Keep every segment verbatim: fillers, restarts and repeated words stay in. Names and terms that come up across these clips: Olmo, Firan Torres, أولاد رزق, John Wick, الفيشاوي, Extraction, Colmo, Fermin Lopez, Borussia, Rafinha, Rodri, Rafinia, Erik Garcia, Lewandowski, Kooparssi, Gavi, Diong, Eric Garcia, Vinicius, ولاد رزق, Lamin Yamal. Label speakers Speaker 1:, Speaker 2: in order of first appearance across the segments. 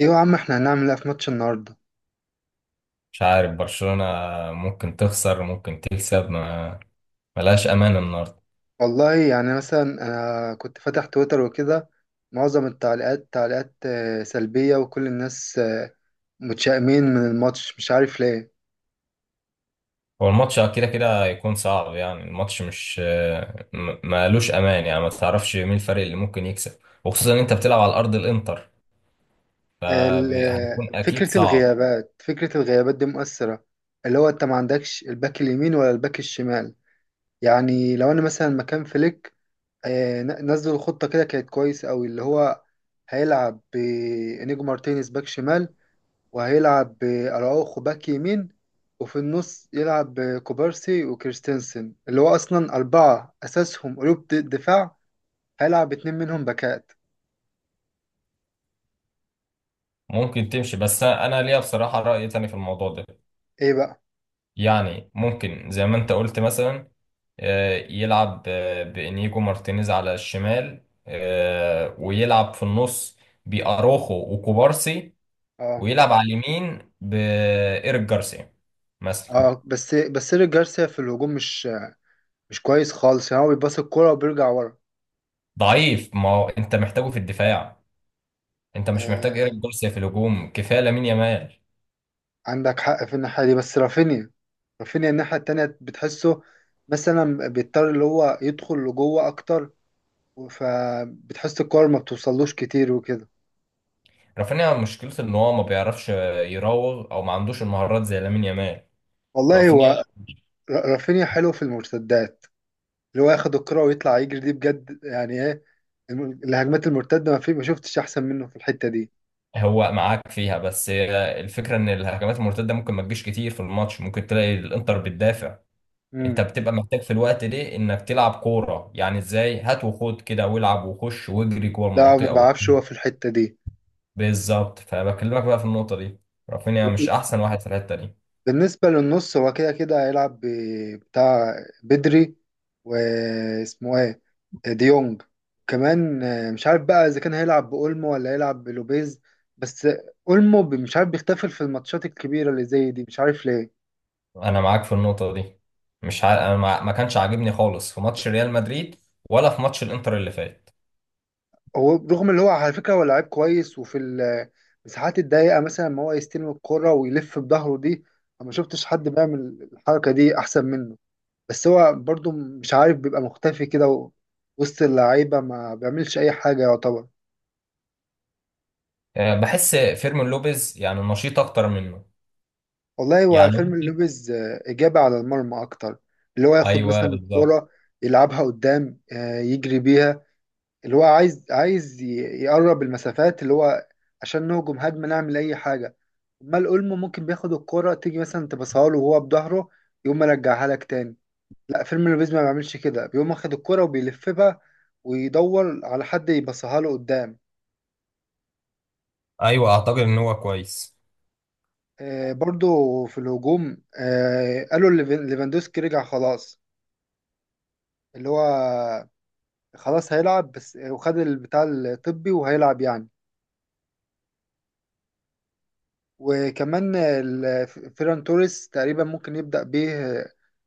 Speaker 1: ايه يا عم، احنا هنعمل ايه في ماتش النهارده؟
Speaker 2: مش عارف، برشلونة ممكن تخسر ممكن تكسب. ما ملهاش أمان النهاردة.
Speaker 1: والله يعني، مثلا انا كنت فاتح تويتر وكده. معظم التعليقات تعليقات آه، سلبية، وكل الناس آه، متشائمين من الماتش، مش عارف ليه.
Speaker 2: هو الماتش كده كده هيكون صعب، يعني الماتش مش م- مالوش أمان، يعني ما تعرفش مين الفريق اللي ممكن يكسب، وخصوصا إن أنت بتلعب على أرض الإنتر،
Speaker 1: ال- آه،
Speaker 2: فهيكون أكيد
Speaker 1: فكرة
Speaker 2: صعب.
Speaker 1: الغيابات، فكرة الغيابات دي مؤثرة، اللي هو انت ما عندكش الباك اليمين ولا الباك الشمال. يعني لو انا مثلا مكان فليك، آه، ن- نزل الخطة كده كانت كويسة قوي، اللي هو هيلعب بإنيجو مارتينيز باك شمال، وهيلعب بأراوخو باك يمين، وفي النص يلعب بكوبارسي وكريستنسن، اللي هو أصلا أربعة أساسهم قلوب د- دفاع. هيلعب اتنين منهم باكات.
Speaker 2: ممكن تمشي، بس أنا ليا بصراحة رأي تاني في الموضوع ده.
Speaker 1: إيه بقى؟
Speaker 2: يعني ممكن زي ما انت قلت مثلا، آه، يلعب آه، بإنيجو مارتينيز على الشمال، آه، ويلعب في النص بأروخو وكوبارسي،
Speaker 1: آه.
Speaker 2: ويلعب على اليمين بإيريك جارسيا مثلا.
Speaker 1: آه، بس بس إيريك جارسيا في الهجوم، مش مش كويس خالص، يعني هو بيباص الكورة وبيرجع ورا.
Speaker 2: ضعيف، ما هو انت محتاجه في الدفاع، انت مش محتاج إيريك
Speaker 1: آه،
Speaker 2: جارسيا في الهجوم، كفاية لامين يامال.
Speaker 1: عندك حق في الناحية دي، بس رافينيا رافينيا الناحية التانية بتحسه، مثلا بيضطر اللي هو يدخل لجوه أكتر، فبتحس الكورة ما بتوصلوش كتير وكده.
Speaker 2: رافينيا مشكلته ان هو ما بيعرفش يراوغ او ما عندوش المهارات زي لامين يامال.
Speaker 1: والله
Speaker 2: رافينيا
Speaker 1: هو، ر- رافينيا حلو في المرتدات، اللي هو ياخد الكرة ويطلع يجري دي بجد، يعني ايه. الم- الهجمات المرتدة، ما في ما شفتش احسن منه في الحتة دي.
Speaker 2: هو معاك فيها، بس الفكرة ان الهجمات المرتدة ممكن ما تجيش كتير في الماتش، ممكن تلاقي الانتر بتدافع. انت
Speaker 1: امم،
Speaker 2: بتبقى محتاج في الوقت ده انك تلعب كورة، يعني ازاي، هات وخد كده والعب وخش واجري جوه
Speaker 1: لا ما
Speaker 2: المنطقة وبتاع.
Speaker 1: بعرفش، هو في الحتة دي.
Speaker 2: بالظبط، فبكلمك بقى في النقطة دي، رافينيا مش احسن واحد في الحتة دي.
Speaker 1: بالنسبة للنص، هو كده كده هيلعب ب- بتاع، بدري، واسمه ايه، ديونج. كمان آه، مش عارف بقى اذا كان هيلعب بأولمو ولا هيلعب بلوبيز. بس اولمو ب- مش عارف بيختفل في الماتشات الكبيرة اللي زي دي، مش عارف ليه.
Speaker 2: انا معاك في النقطة دي. مش ع... انا ما ما كانش عاجبني خالص في ماتش ريال مدريد ولا في ماتش الانتر اللي فات.
Speaker 1: هو، رغم اللي هو، على فكرة هو لعيب كويس، وفي المساحات الضيقة مثلا، ما هو يستلم الكرة ويلف بظهره دي، أنا ما شفتش حد بيعمل الحركة دي أحسن منه. بس هو برضو مش عارف بيبقى مختفي كده، و- وسط اللعيبة ما بيعملش أي حاجة يعتبر.
Speaker 2: أه، بحس فيرمين لوبيز يعني نشيط اكتر منه
Speaker 1: والله هو
Speaker 2: يعني.
Speaker 1: فيلم اللوبيز آه، إجابة على المرمى أكتر، اللي هو ياخد
Speaker 2: ايوه،
Speaker 1: مثلا
Speaker 2: بالظبط.
Speaker 1: الكرة، يلعبها قدام، آه، يجري بيها، اللي هو عايز عايز ي- يقرب المسافات، اللي هو عشان نهجم هجمة نعمل أي حاجة. أمال أولمو ممكن بياخد الكرة، تيجي مثلا تبصها له وهو بظهره، يقوم مرجعها لك تاني. لا، فيرمينو لوبيز ما بيعملش كده، بيقوم واخد الكرة وبيلف بقى ويدور على حد يبصها له قدام.
Speaker 2: ايوه، اعتقد ان هو كويس.
Speaker 1: آه، برضو، في الهجوم آه قالوا ليفن- ليفاندوسكي رجع خلاص، اللي هو خلاص هيلعب، بس وخد البتاع الطبي وهيلعب يعني. وكمان ال- فيران توريس تقريبا ممكن يبدأ بيه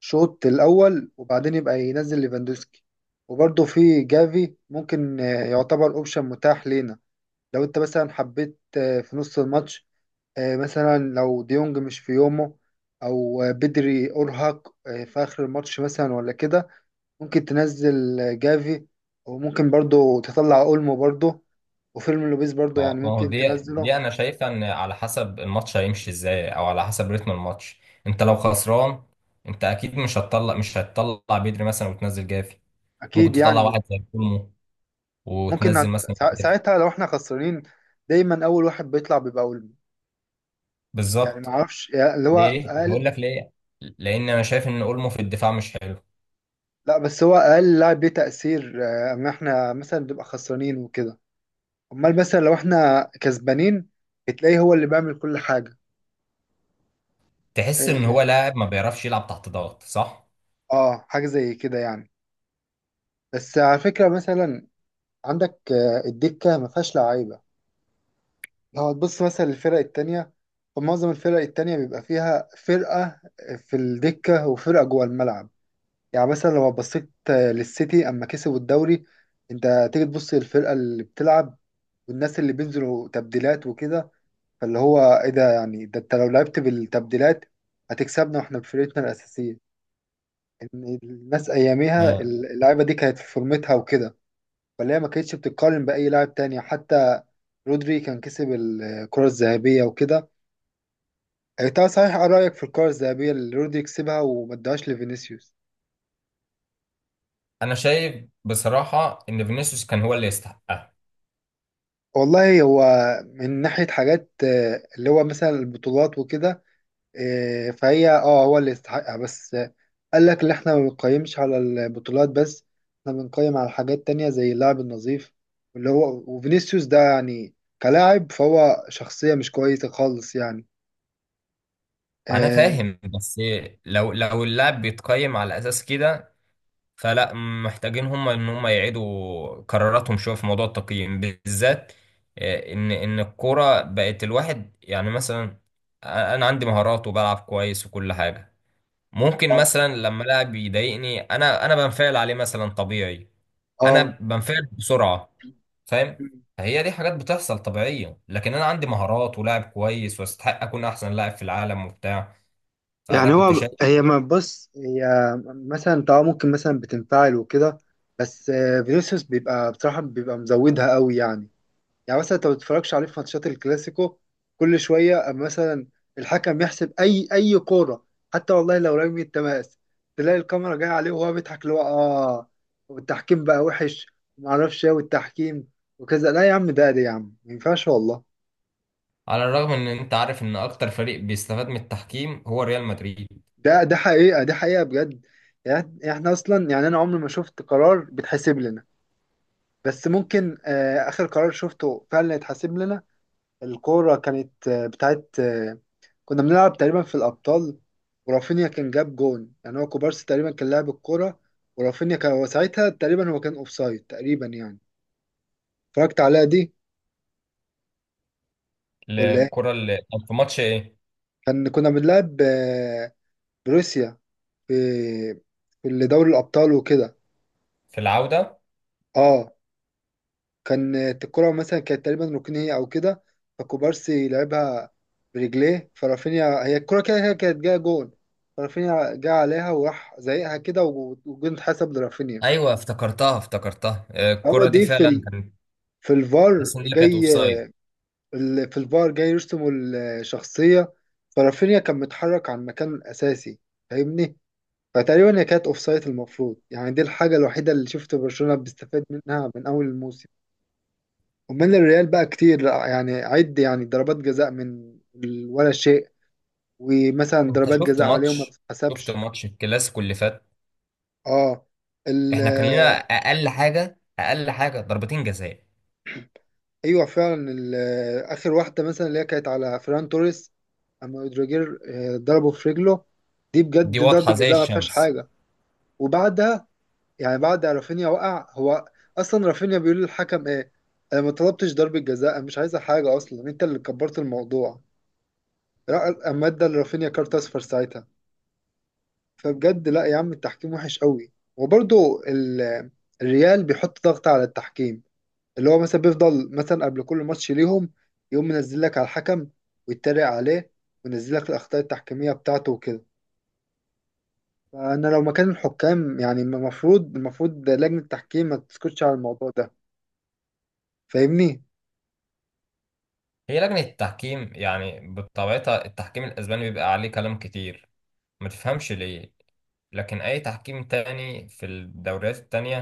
Speaker 1: شوط الأول، وبعدين يبقى ينزل ليفاندوسكي. وبرضه في جافي، ممكن يعتبر أوبشن متاح لينا، لو أنت مثلا حبيت في نص الماتش، مثلا لو ديونج مش في يومه، أو بدري أرهق في آخر الماتش مثلا ولا كده، ممكن تنزل جافي، وممكن برضه تطلع أولمو برضه، وفيلم لوبيز برضه
Speaker 2: ما
Speaker 1: يعني
Speaker 2: هو ما هو
Speaker 1: ممكن
Speaker 2: دي
Speaker 1: تنزله.
Speaker 2: دي انا شايفها ان على حسب الماتش هيمشي ازاي او على حسب رتم الماتش. انت لو خسران، انت اكيد مش هتطلع مش هتطلع بدري مثلا وتنزل جافي. ممكن
Speaker 1: أكيد
Speaker 2: تطلع
Speaker 1: يعني.
Speaker 2: واحد زي كولمو
Speaker 1: ممكن
Speaker 2: وتنزل
Speaker 1: نعد...
Speaker 2: مثلا
Speaker 1: سا-
Speaker 2: جافي.
Speaker 1: ساعتها لو احنا خسرانين، دايما اول واحد بيطلع بيبقى اولمو. يعني ما
Speaker 2: بالظبط.
Speaker 1: اعرفش يعني، اللي هو
Speaker 2: ليه؟ هقول
Speaker 1: اقل.
Speaker 2: لك ليه. لان انا شايف ان اولمو في الدفاع مش حلو.
Speaker 1: لا، بس هو اقل لاعب ليه تأثير آه، اما احنا مثلا بنبقى خسرانين وكده. امال مثلا لو احنا كسبانين، بتلاقيه هو اللي بيعمل كل حاجة.
Speaker 2: تحس ان هو
Speaker 1: اه،
Speaker 2: لاعب ما بيعرفش يلعب تحت ضغط، صح؟
Speaker 1: آه، حاجة زي كده يعني. بس على فكرة مثلا، عندك آه، الدكة ما فيهاش لعيبة، لو هتبص مثلا للفرق التانية، فمعظم الفرق التانية بيبقى فيها فرقة في الدكة وفرقة جوه الملعب. يعني مثلا لو بصيت للسيتي اما كسبوا الدوري، انت تيجي تبص للفرقه اللي بتلعب والناس اللي بينزلوا تبديلات وكده، فاللي هو ايه ده، يعني ده انت لو لعبت بالتبديلات هتكسبنا واحنا بفرقتنا الاساسيه، ان الناس اياميها
Speaker 2: ما-
Speaker 1: اللعيبه دي كانت في فورمتها وكده، فاللي هي ما كانتش بتتقارن باي لاعب تاني، حتى رودري كان كسب الكره الذهبيه وكده. انت صحيح، ايه رايك في الكره الذهبيه اللي رودري كسبها وما ادهاش لفينيسيوس؟
Speaker 2: انا شايف بصراحة ان فينيسيوس كان هو اللي يستحقها.
Speaker 1: والله هو، من ناحية حاجات، آه، اللي هو مثلا البطولات وكده، آه، فهي اه هو اللي يستحقها، بس آه، قال لك اللي احنا ما بنقيمش على البطولات بس، احنا بنقيم على حاجات تانية زي اللعب النظيف. اللي هو وفينيسيوس ده يعني كلاعب، فهو شخصية مش كويسة خالص يعني.
Speaker 2: انا
Speaker 1: اه.
Speaker 2: فاهم، بس لو لو اللاعب بيتقيم على اساس كده، فلا، محتاجين هم ان هم يعيدوا قراراتهم شويه في موضوع التقييم بالذات. آه، ان ان الكوره بقت الواحد يعني مثلا انا عندي مهارات وبلعب كويس وكل حاجه. ممكن
Speaker 1: اه.
Speaker 2: مثلا لما لاعب يضايقني انا، انا بنفعل عليه مثلا طبيعي. انا
Speaker 1: آه.
Speaker 2: بنفعل بسرعه، فاهم. هي دي حاجات بتحصل طبيعيه، لكن انا عندي مهارات ولاعب كويس واستحق اكون احسن لاعب في العالم وبتاع. فانا
Speaker 1: يعني هو
Speaker 2: كنت شايف،
Speaker 1: هي ما بص هي مثلا انت ممكن مثلا بتنفعل وكده، بس آه، فينيسيوس بيبقى بصراحة بيبقى مزودها قوي يعني. يعني مثلا انت ما بتتفرجش عليه في ماتشات الكلاسيكو، كل شويه اما مثلا الحكم يحسب اي اي كوره، حتى والله لو رمي التماس، تلاقي الكاميرا جايه عليه وهو بيضحك اللي هو، اه، والتحكيم بقى وحش، وما اعرفش ايه والتحكيم وكذا. لا يا عم، ده ده يا عم ما ينفعش، والله.
Speaker 2: على الرغم ان انت عارف ان اكتر فريق بيستفاد من التحكيم هو ريال مدريد.
Speaker 1: ده ده حقيقه، ده حقيقه بجد. يعني احنا اصلا، يعني انا عمري ما شفت قرار بيتحسب لنا. بس ممكن آه اخر قرار شفته فعلا يتحسب لنا، الكورة كانت آه، بتاعت آه، كنا بنلعب تقريبا في الأبطال، ورافينيا كان جاب جون، يعني هو كوبارسي تقريبا كان لاعب الكورة، ورافينيا كان هو ساعتها تقريبا، هو كان أوفسايد تقريبا يعني. اتفرجت عليها دي. ولا إيه؟
Speaker 2: الكرة اللي كان في ماتش ايه،
Speaker 1: كان كنا بنلعب آه، بروسيا، في في اللي دوري الأبطال وكده.
Speaker 2: في العودة.
Speaker 1: اه، كانت الكرة مثلا، كانت تقريبا ركنية أو كده، فكوبارسي لعبها برجليه، فرافينيا هي الكرة كده كده كانت جاية جون، فرافينيا جه عليها وراح زايقها كده، و- والجون اتحسب لرافينيا.
Speaker 2: ايوه، افتكرتها افتكرتها، آه،
Speaker 1: هو
Speaker 2: الكرة دي
Speaker 1: دي في
Speaker 2: فعلا
Speaker 1: ال...
Speaker 2: كانت،
Speaker 1: في الفار
Speaker 2: تحس ان هي كانت
Speaker 1: جاي،
Speaker 2: اوفسايد.
Speaker 1: ال- في الفار جاي يرسموا الشخصية، فرافينيا كان متحرك عن مكان أساسي، فاهمني. فتقريبا هي كانت أوفسايد المفروض يعني، دي الحاجة الوحيدة اللي شفت برشلونة بيستفاد منها من أول الموسم. ومن الريال بقى كتير، يعني عد يعني ضربات جزاء من ال- ولا شيء. ومثلا
Speaker 2: انت
Speaker 1: ضربات
Speaker 2: شفت
Speaker 1: جزاء عليهم ما
Speaker 2: ماتش، شفت
Speaker 1: بتتحسبش.
Speaker 2: ماتش الكلاسيكو اللي فات؟
Speaker 1: اه. ال-
Speaker 2: احنا كان لنا اقل حاجة، اقل حاجة ضربتين جزاء.
Speaker 1: ايوه فعلا، ال- اخر واحده مثلا اللي هي كانت على فران توريس، اما اودريجير آه، ضربه في رجله، دي
Speaker 2: دي
Speaker 1: بجد
Speaker 2: واضحة
Speaker 1: ضربه
Speaker 2: زي
Speaker 1: جزاء ما فيهاش
Speaker 2: الشمس.
Speaker 1: حاجه. وبعدها، يعني بعد رافينيا وقع هو، اصلا رافينيا بيقول للحكم ايه: انا ما طلبتش ضربه جزاء، أنا مش عايزه حاجه اصلا، انت اللي كبرت الموضوع. را- اما ادى لرافينيا كارت اصفر ساعتها. فبجد لا يا عم، التحكيم وحش قوي، وبرضه ال- الريال بيحط ضغط على التحكيم، اللي هو مثلا بيفضل مثلا قبل كل ماتش ليهم يقوم منزل لك على الحكم ويتريق عليه، وينزل لك الاخطاء التحكيميه بتاعته وكده. فانا لو مكان الحكام، يعني المفروض المفروض لجنه التحكيم ما تسكتش على الموضوع ده، فاهمني.
Speaker 2: هي لجنة التحكيم، يعني بطبيعتها التحكيم الاسباني بيبقى عليه كلام كتير، ما تفهمش ليه. لكن أي تحكيم تاني في الدوريات التانية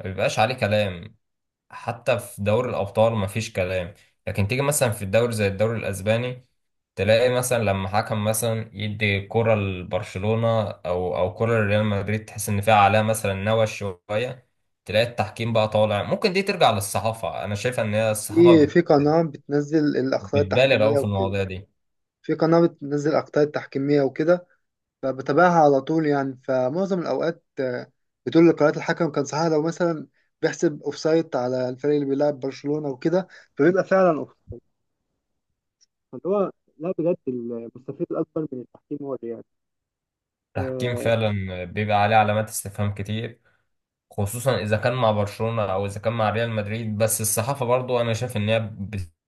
Speaker 2: ما بيبقاش عليه كلام. حتى في دوري الأبطال ما فيش كلام. لكن تيجي مثلا في الدوري زي الدوري الأسباني، تلاقي مثلا لما حكم مثلا يدي كرة لبرشلونة أو أو كرة لريال مدريد، تحس إن فيها عليها مثلا نوش شوية، تلاقي التحكيم بقى طالع، ممكن دي ترجع للصحافة. أنا شايف إن هي الصحافة
Speaker 1: في
Speaker 2: بت...
Speaker 1: في قناه بتنزل الاخطاء
Speaker 2: بتبالغ
Speaker 1: التحكيميه
Speaker 2: أوي في
Speaker 1: وكده،
Speaker 2: المواضيع دي.
Speaker 1: في قناه بتنزل الاخطاء التحكيميه وكده فبتابعها على طول يعني. فمعظم الأوقات آه، بتقول لقرارات الحكم كان صحيح، لو مثلا بيحسب أوفسايد على الفريق اللي بيلعب برشلونة وكده، فبيبقى فعلا أوفسايد. فاللي هو، لا بجد، المستفيد الأكبر من التحكيم هو الريال.
Speaker 2: التحكيم
Speaker 1: آه.
Speaker 2: فعلا بيبقى عليه علامات استفهام كتير، خصوصا اذا كان مع برشلونة او اذا كان مع ريال مدريد. بس الصحافة برضو انا شايف ان هي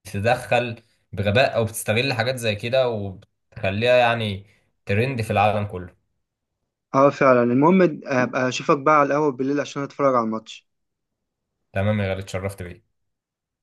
Speaker 2: بتتدخل بغباء او بتستغل حاجات زي كده وبتخليها يعني ترند في العالم كله.
Speaker 1: اه، فعلا. المهم ابقى اشوفك بقى على القهوة بالليل عشان اتفرج على الماتش.
Speaker 2: تمام يا غالي، اتشرفت بيك.